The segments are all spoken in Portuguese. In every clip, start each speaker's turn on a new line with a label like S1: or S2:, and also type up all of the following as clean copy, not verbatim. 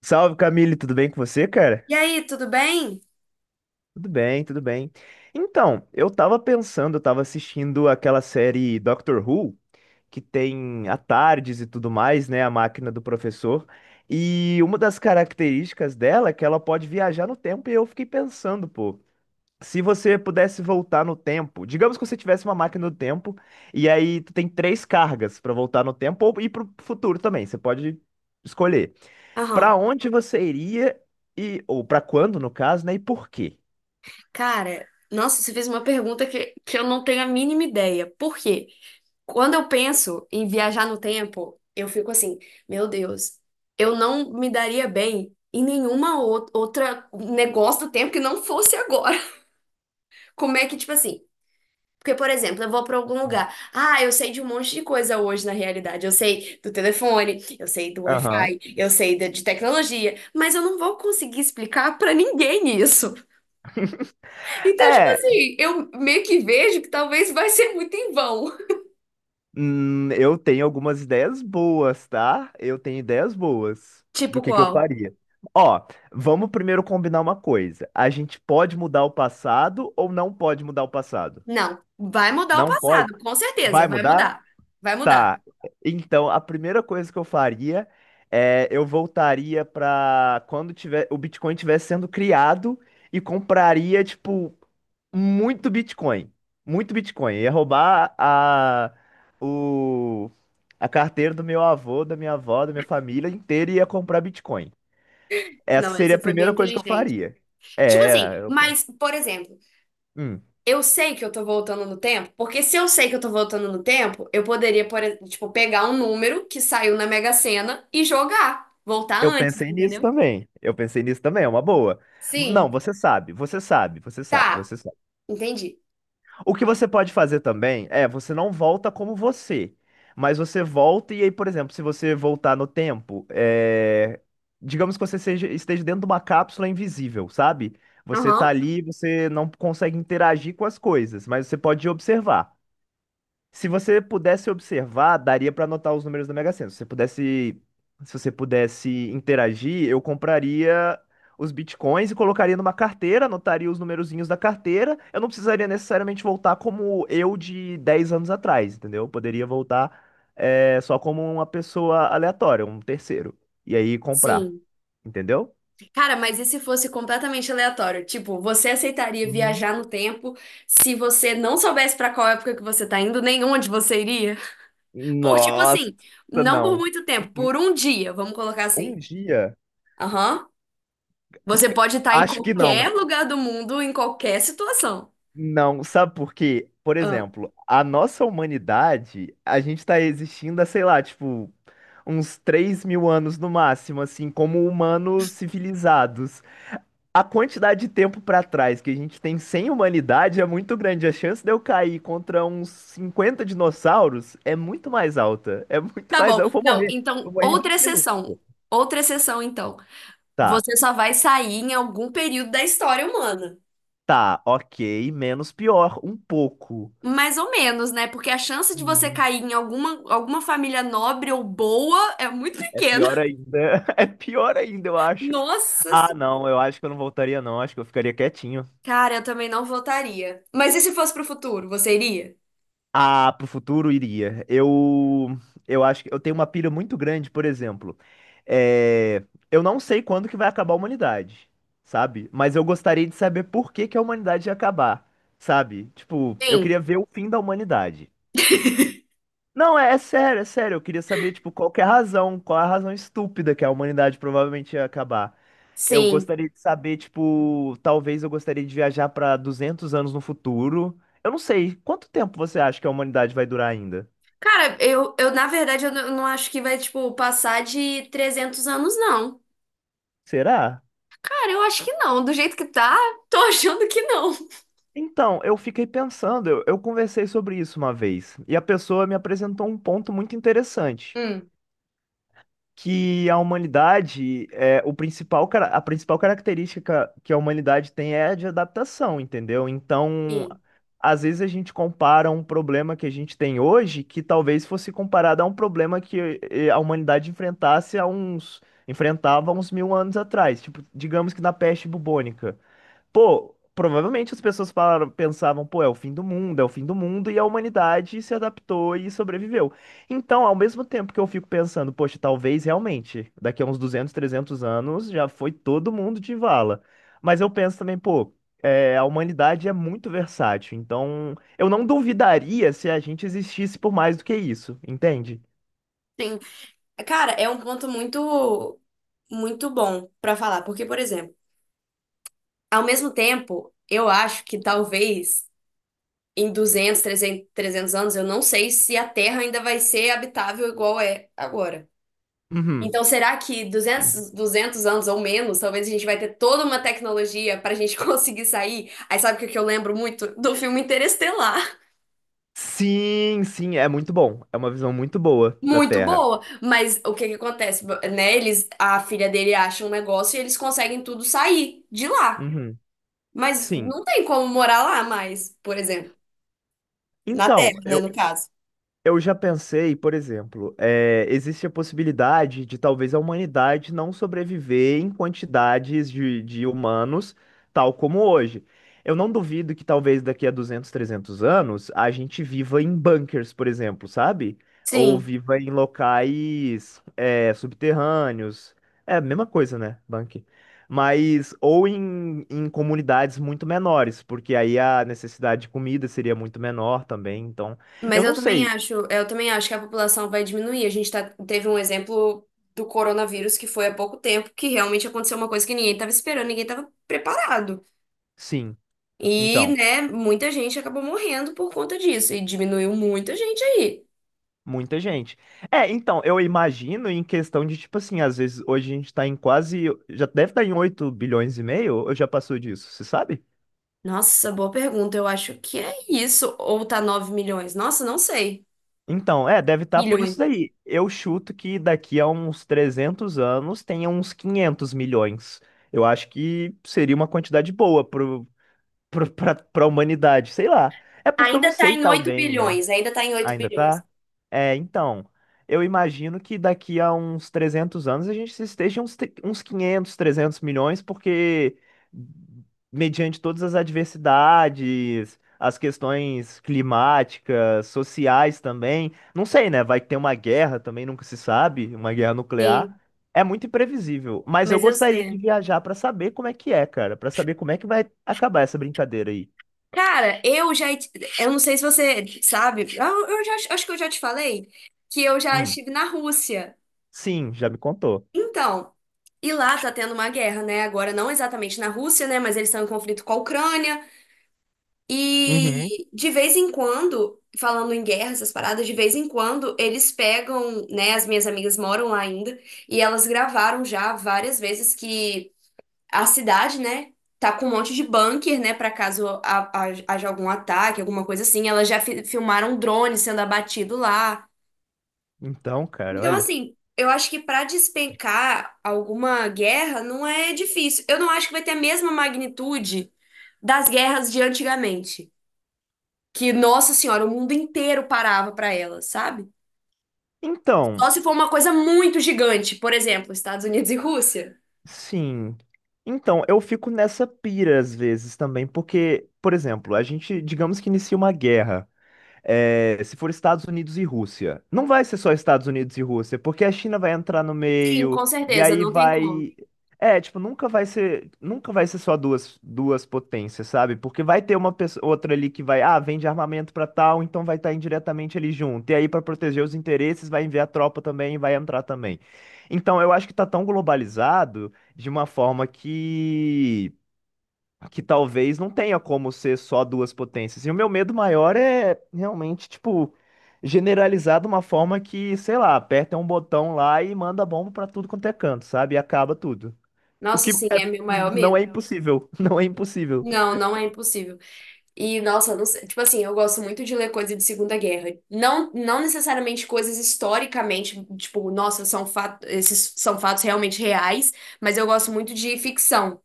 S1: Salve, Camille, tudo bem com você, cara?
S2: E aí, tudo bem?
S1: Tudo bem, tudo bem. Então, eu tava assistindo aquela série Doctor Who, que tem a Tardes e tudo mais, né? A máquina do professor. E uma das características dela é que ela pode viajar no tempo, e eu fiquei pensando, pô. Se você pudesse voltar no tempo, digamos que você tivesse uma máquina do tempo, e aí tu tem três cargas para voltar no tempo ou ir pro futuro também, você pode escolher. Para
S2: Aham.
S1: onde você iria e ou para quando, no caso, né? E por quê?
S2: Cara, nossa, você fez uma pergunta que eu não tenho a mínima ideia. Por quê? Quando eu penso em viajar no tempo, eu fico assim, meu Deus, eu não me daria bem em nenhuma outra negócio do tempo que não fosse agora. Como é que, tipo assim? Porque, por exemplo, eu vou pra algum
S1: Hum.
S2: lugar. Ah, eu sei de um monte de coisa hoje na realidade. Eu sei do telefone, eu sei do
S1: Aham.
S2: Wi-Fi, eu sei de tecnologia, mas eu não vou conseguir explicar pra ninguém isso. Então, tipo
S1: É,
S2: assim, eu meio que vejo que talvez vai ser muito em vão.
S1: eu tenho algumas ideias boas, tá? Eu tenho ideias boas do
S2: Tipo
S1: que eu
S2: qual?
S1: faria. Ó, vamos primeiro combinar uma coisa. A gente pode mudar o passado ou não pode mudar o passado?
S2: Não, vai mudar o
S1: Não pode?
S2: passado, com certeza,
S1: Vai
S2: vai
S1: mudar?
S2: mudar. Vai mudar.
S1: Tá. Então, a primeira coisa que eu faria é eu voltaria para quando tiver o Bitcoin estivesse sendo criado e compraria tipo muito Bitcoin, muito Bitcoin. Ia roubar o a carteira do meu avô, da minha avó, da minha família inteira e ia comprar Bitcoin. Essa
S2: Não,
S1: seria a
S2: você foi bem
S1: primeira coisa que eu
S2: inteligente.
S1: faria.
S2: Tipo
S1: É,
S2: assim, mas, por exemplo,
S1: hum,
S2: eu sei que eu tô voltando no tempo, porque se eu sei que eu tô voltando no tempo, eu poderia, por exemplo, tipo, pegar um número que saiu na Mega Sena e jogar. Voltar
S1: eu
S2: antes,
S1: pensei nisso
S2: entendeu?
S1: também. Eu pensei nisso também, é uma boa. Não,
S2: Sim.
S1: você sabe, você sabe, você sabe,
S2: Tá,
S1: você sabe.
S2: entendi.
S1: O que você pode fazer também é, você não volta como você, mas você volta e aí, por exemplo, se você voltar no tempo, é, digamos que você esteja dentro de uma cápsula invisível, sabe? Você tá
S2: Aham.
S1: ali, você não consegue interagir com as coisas, mas você pode observar. Se você pudesse observar, daria pra anotar os números da Mega Sena. Se você pudesse interagir, eu compraria os bitcoins e colocaria numa carteira, anotaria os numerozinhos da carteira. Eu não precisaria necessariamente voltar como eu de 10 anos atrás, entendeu? Eu poderia voltar só como uma pessoa aleatória, um terceiro. E aí comprar,
S2: Sim.
S1: entendeu?
S2: Cara, mas e se fosse completamente aleatório? Tipo, você aceitaria
S1: Hum.
S2: viajar no tempo se você não soubesse pra qual época que você tá indo, nem onde você iria? Por, tipo
S1: Nossa,
S2: assim, não por
S1: não.
S2: muito tempo,
S1: Um
S2: por um dia, vamos colocar
S1: um
S2: assim.
S1: dia,
S2: Aham. Você pode estar em
S1: acho que não.
S2: qualquer lugar do mundo, em qualquer situação.
S1: Não, sabe por quê? Por
S2: Ah,
S1: exemplo, a nossa humanidade, a gente tá existindo há, sei lá, tipo, uns 3.000 anos no máximo, assim, como humanos civilizados. A quantidade de tempo pra trás que a gente tem sem humanidade é muito grande. A chance de eu cair contra uns 50 dinossauros é muito mais alta. É muito
S2: tá
S1: mais
S2: bom.
S1: alta. Eu vou
S2: Não,
S1: morrer. Eu
S2: então,
S1: morri em
S2: outra
S1: 20 minutos,
S2: exceção.
S1: pô.
S2: Outra exceção, então.
S1: Tá,
S2: Você só vai sair em algum período da história humana.
S1: tá, ok. Menos pior, um pouco.
S2: Mais ou menos, né? Porque a chance de você
S1: Hum,
S2: cair em alguma, alguma família nobre ou boa é muito
S1: é
S2: pequena.
S1: pior ainda. É pior ainda, eu acho.
S2: Nossa
S1: Ah,
S2: senhora.
S1: não, eu acho que eu não voltaria, não. Acho que eu ficaria quietinho.
S2: Cara, eu também não votaria. Mas e se fosse pro futuro, você iria?
S1: Ah, pro futuro iria. Eu acho que eu tenho uma pilha muito grande, por exemplo. É, eu não sei quando que vai acabar a humanidade, sabe? Mas eu gostaria de saber por que que a humanidade ia acabar, sabe? Tipo, eu
S2: Sim,
S1: queria ver o fim da humanidade. Não, é sério, é sério. Eu queria saber, tipo, qual é a razão estúpida que a humanidade provavelmente ia acabar. Eu
S2: sim.
S1: gostaria de saber, tipo, talvez eu gostaria de viajar para 200 anos no futuro. Eu não sei, quanto tempo você acha que a humanidade vai durar ainda?
S2: Cara, eu na verdade, eu não acho que vai, tipo, passar de 300 anos, não.
S1: Será?
S2: Cara, eu acho que não. Do jeito que tá, tô achando que não.
S1: Então, eu fiquei pensando, eu conversei sobre isso uma vez, e a pessoa me apresentou um ponto muito interessante.
S2: Hum,
S1: Que a humanidade é a principal característica que a humanidade tem é a de adaptação, entendeu? Então,
S2: sim,
S1: às vezes a gente compara um problema que a gente tem hoje que talvez fosse comparado a um problema que a humanidade enfrentasse há uns enfrentava há uns 1.000 anos atrás, tipo, digamos que na peste bubônica. Pô, provavelmente as pessoas falaram, pensavam, pô, é o fim do mundo, é o fim do mundo, e a humanidade se adaptou e sobreviveu. Então, ao mesmo tempo que eu fico pensando, poxa, talvez realmente, daqui a uns 200, 300 anos, já foi todo mundo de vala. Mas eu penso também, pô, a humanidade é muito versátil, então eu não duvidaria se a gente existisse por mais do que isso, entende?
S2: sim. Cara, é um ponto muito, muito bom pra falar. Porque, por exemplo, ao mesmo tempo, eu acho que talvez em 200, trezentos anos, eu não sei se a Terra ainda vai ser habitável igual é agora.
S1: Uhum.
S2: Então, será que duzentos anos ou menos, talvez a gente vai ter toda uma tecnologia para a gente conseguir sair? Aí sabe o que que eu lembro muito? Do filme Interestelar.
S1: Sim, sim, é muito bom. É uma visão muito boa da
S2: Muito
S1: Terra.
S2: boa, mas o que que acontece, né? Eles, a filha dele acha um negócio e eles conseguem tudo sair de lá.
S1: Uhum.
S2: Mas
S1: Sim.
S2: não tem como morar lá mais, por exemplo, na
S1: Então,
S2: Terra, né,
S1: eu,
S2: no caso.
S1: Eu já pensei, por exemplo, existe a possibilidade de talvez a humanidade não sobreviver em quantidades de humanos, tal como hoje. Eu não duvido que talvez daqui a 200, 300 anos a gente viva em bunkers, por exemplo, sabe? Ou
S2: Sim.
S1: viva em locais subterrâneos. É a mesma coisa, né? Bunker. Mas, ou em comunidades muito menores, porque aí a necessidade de comida seria muito menor também, então. Eu
S2: Mas
S1: não sei,
S2: eu também acho que a população vai diminuir. A gente tá, teve um exemplo do coronavírus que foi há pouco tempo, que realmente aconteceu uma coisa que ninguém estava esperando, ninguém estava preparado.
S1: sim,
S2: E,
S1: então,
S2: né, muita gente acabou morrendo por conta disso, e diminuiu muita gente aí.
S1: muita gente. É, então, eu imagino em questão de, tipo assim, às vezes hoje a gente tá em quase, já deve estar em 8,5 bilhões, ou já passou disso, você sabe?
S2: Nossa, boa pergunta. Eu acho que é isso. Ou tá 9 milhões? Nossa, não sei.
S1: Então, é, deve estar por
S2: Bilhões.
S1: isso daí. Eu chuto que daqui a uns 300 anos tenha uns 500 milhões. Eu acho que seria uma quantidade boa pra humanidade, sei lá. É porque eu não
S2: Ainda tá
S1: sei
S2: em
S1: tão,
S2: 8
S1: né?
S2: bilhões, ainda tá em 8
S1: Ainda
S2: bilhões.
S1: tá? É, então, eu imagino que daqui a uns 300 anos a gente esteja uns 500, 300 milhões, porque mediante todas as adversidades, as questões climáticas, sociais também, não sei, né? Vai ter uma guerra também, nunca se sabe, uma guerra nuclear.
S2: Sim,
S1: É muito imprevisível, mas eu
S2: mas eu,
S1: gostaria de
S2: é.
S1: viajar para saber como é que é, cara, para saber como é que vai acabar essa brincadeira aí.
S2: Cara, eu já. Eu não sei se você sabe, eu já, acho que eu já te falei que eu já
S1: Hum,
S2: estive na Rússia.
S1: sim, já me contou.
S2: Então, e lá tá tendo uma guerra, né? Agora, não exatamente na Rússia, né? Mas eles estão em conflito com a Ucrânia.
S1: Uhum.
S2: E de vez em quando, falando em guerra, essas paradas, de vez em quando eles pegam, né? As minhas amigas moram lá ainda, e elas gravaram já várias vezes que a cidade, né, tá com um monte de bunker, né, pra caso haja algum ataque, alguma coisa assim. Elas já filmaram drone sendo abatido lá.
S1: Então, cara,
S2: Então,
S1: olha.
S2: assim, eu acho que pra despencar alguma guerra não é difícil. Eu não acho que vai ter a mesma magnitude das guerras de antigamente, que, nossa senhora, o mundo inteiro parava pra elas, sabe?
S1: Então,
S2: Só se for uma coisa muito gigante, por exemplo, Estados Unidos e Rússia.
S1: sim. Então, eu fico nessa pira às vezes também, porque, por exemplo, a gente, digamos que inicia uma guerra. É, se for Estados Unidos e Rússia, não vai ser só Estados Unidos e Rússia, porque a China vai entrar no
S2: Sim,
S1: meio,
S2: com
S1: e
S2: certeza,
S1: aí
S2: não tem como.
S1: vai. É, tipo, nunca vai ser só duas potências, sabe? Porque vai ter uma pessoa, outra ali que vai, vende armamento pra tal, então vai estar indiretamente ali junto. E aí, pra proteger os interesses, vai enviar tropa também e vai entrar também. Então, eu acho que tá tão globalizado de uma forma que talvez não tenha como ser só duas potências. E o meu medo maior é realmente, tipo, generalizar de uma forma que, sei lá, aperta um botão lá e manda bomba pra tudo quanto é canto, sabe? E acaba tudo. O
S2: Nossa,
S1: que é-
S2: sim, é meu maior
S1: não é
S2: medo.
S1: impossível, não é impossível.
S2: Não, não é impossível. E, nossa, não sei, tipo assim, eu gosto muito de ler coisa de Segunda Guerra. Não, não necessariamente coisas historicamente, tipo, nossa, são fatos, esses são fatos realmente reais, mas eu gosto muito de ficção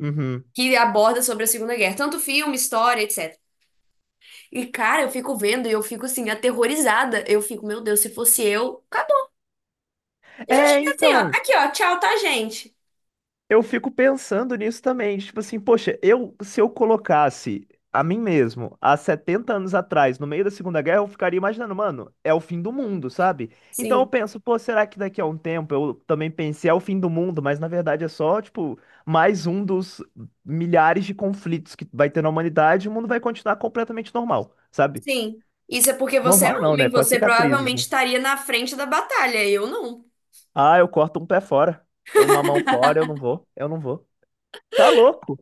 S1: Uhum.
S2: que aborda sobre a Segunda Guerra, tanto filme, história, etc. E, cara, eu fico vendo e eu fico assim, aterrorizada. Eu fico, meu Deus, se fosse eu, acabou. Eu já
S1: É,
S2: tinha assim,
S1: então.
S2: ó, aqui, ó, tchau, tá, gente?
S1: Eu fico pensando nisso também, tipo assim, poxa, eu se eu colocasse a mim mesmo há 70 anos atrás, no meio da Segunda Guerra, eu ficaria imaginando, mano, é o fim do mundo, sabe? Então eu
S2: Sim,
S1: penso, pô, será que daqui a um tempo eu também pensei, é o fim do mundo, mas na verdade é só, tipo, mais um dos milhares de conflitos que vai ter na humanidade, e o mundo vai continuar completamente normal, sabe?
S2: sim. Isso é porque você é
S1: Normal não, né?
S2: homem,
S1: Com as
S2: você
S1: cicatrizes,
S2: provavelmente
S1: né?
S2: estaria na frente da batalha, eu não.
S1: Ah, eu corto um pé fora, eu uma mão fora, eu não vou, eu não vou. Tá louco?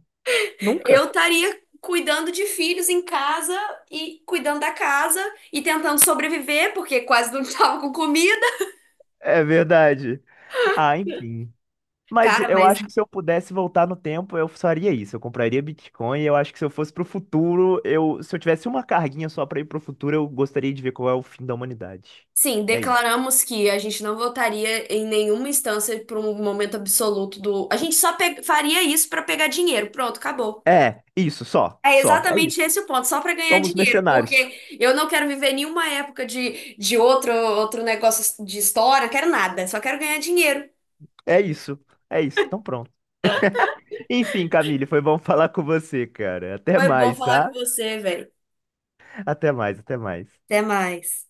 S2: Eu
S1: Nunca.
S2: estaria cuidando de filhos em casa e cuidando da casa e tentando sobreviver, porque quase não estava com comida.
S1: É verdade. Ah, enfim. Mas
S2: Cara,
S1: eu
S2: mas
S1: acho que se eu pudesse voltar no tempo, eu faria isso. Eu compraria Bitcoin. E eu acho que se eu fosse pro futuro, se eu tivesse uma carguinha só pra ir pro futuro, eu gostaria de ver qual é o fim da humanidade.
S2: sim,
S1: É isso.
S2: declaramos que a gente não votaria em nenhuma instância por um momento absoluto do. A gente só faria isso para pegar dinheiro. Pronto, acabou.
S1: É, isso, só,
S2: É
S1: só. É isso.
S2: exatamente esse o ponto, só para ganhar
S1: Somos
S2: dinheiro,
S1: mercenários.
S2: porque eu não quero viver nenhuma época de outro negócio de história, quero nada, só quero ganhar dinheiro.
S1: É isso. É isso. Então pronto. Enfim, Camille, foi bom falar com você, cara. Até
S2: Foi bom
S1: mais,
S2: falar
S1: tá?
S2: com você, velho.
S1: Até mais, até mais.
S2: Até mais.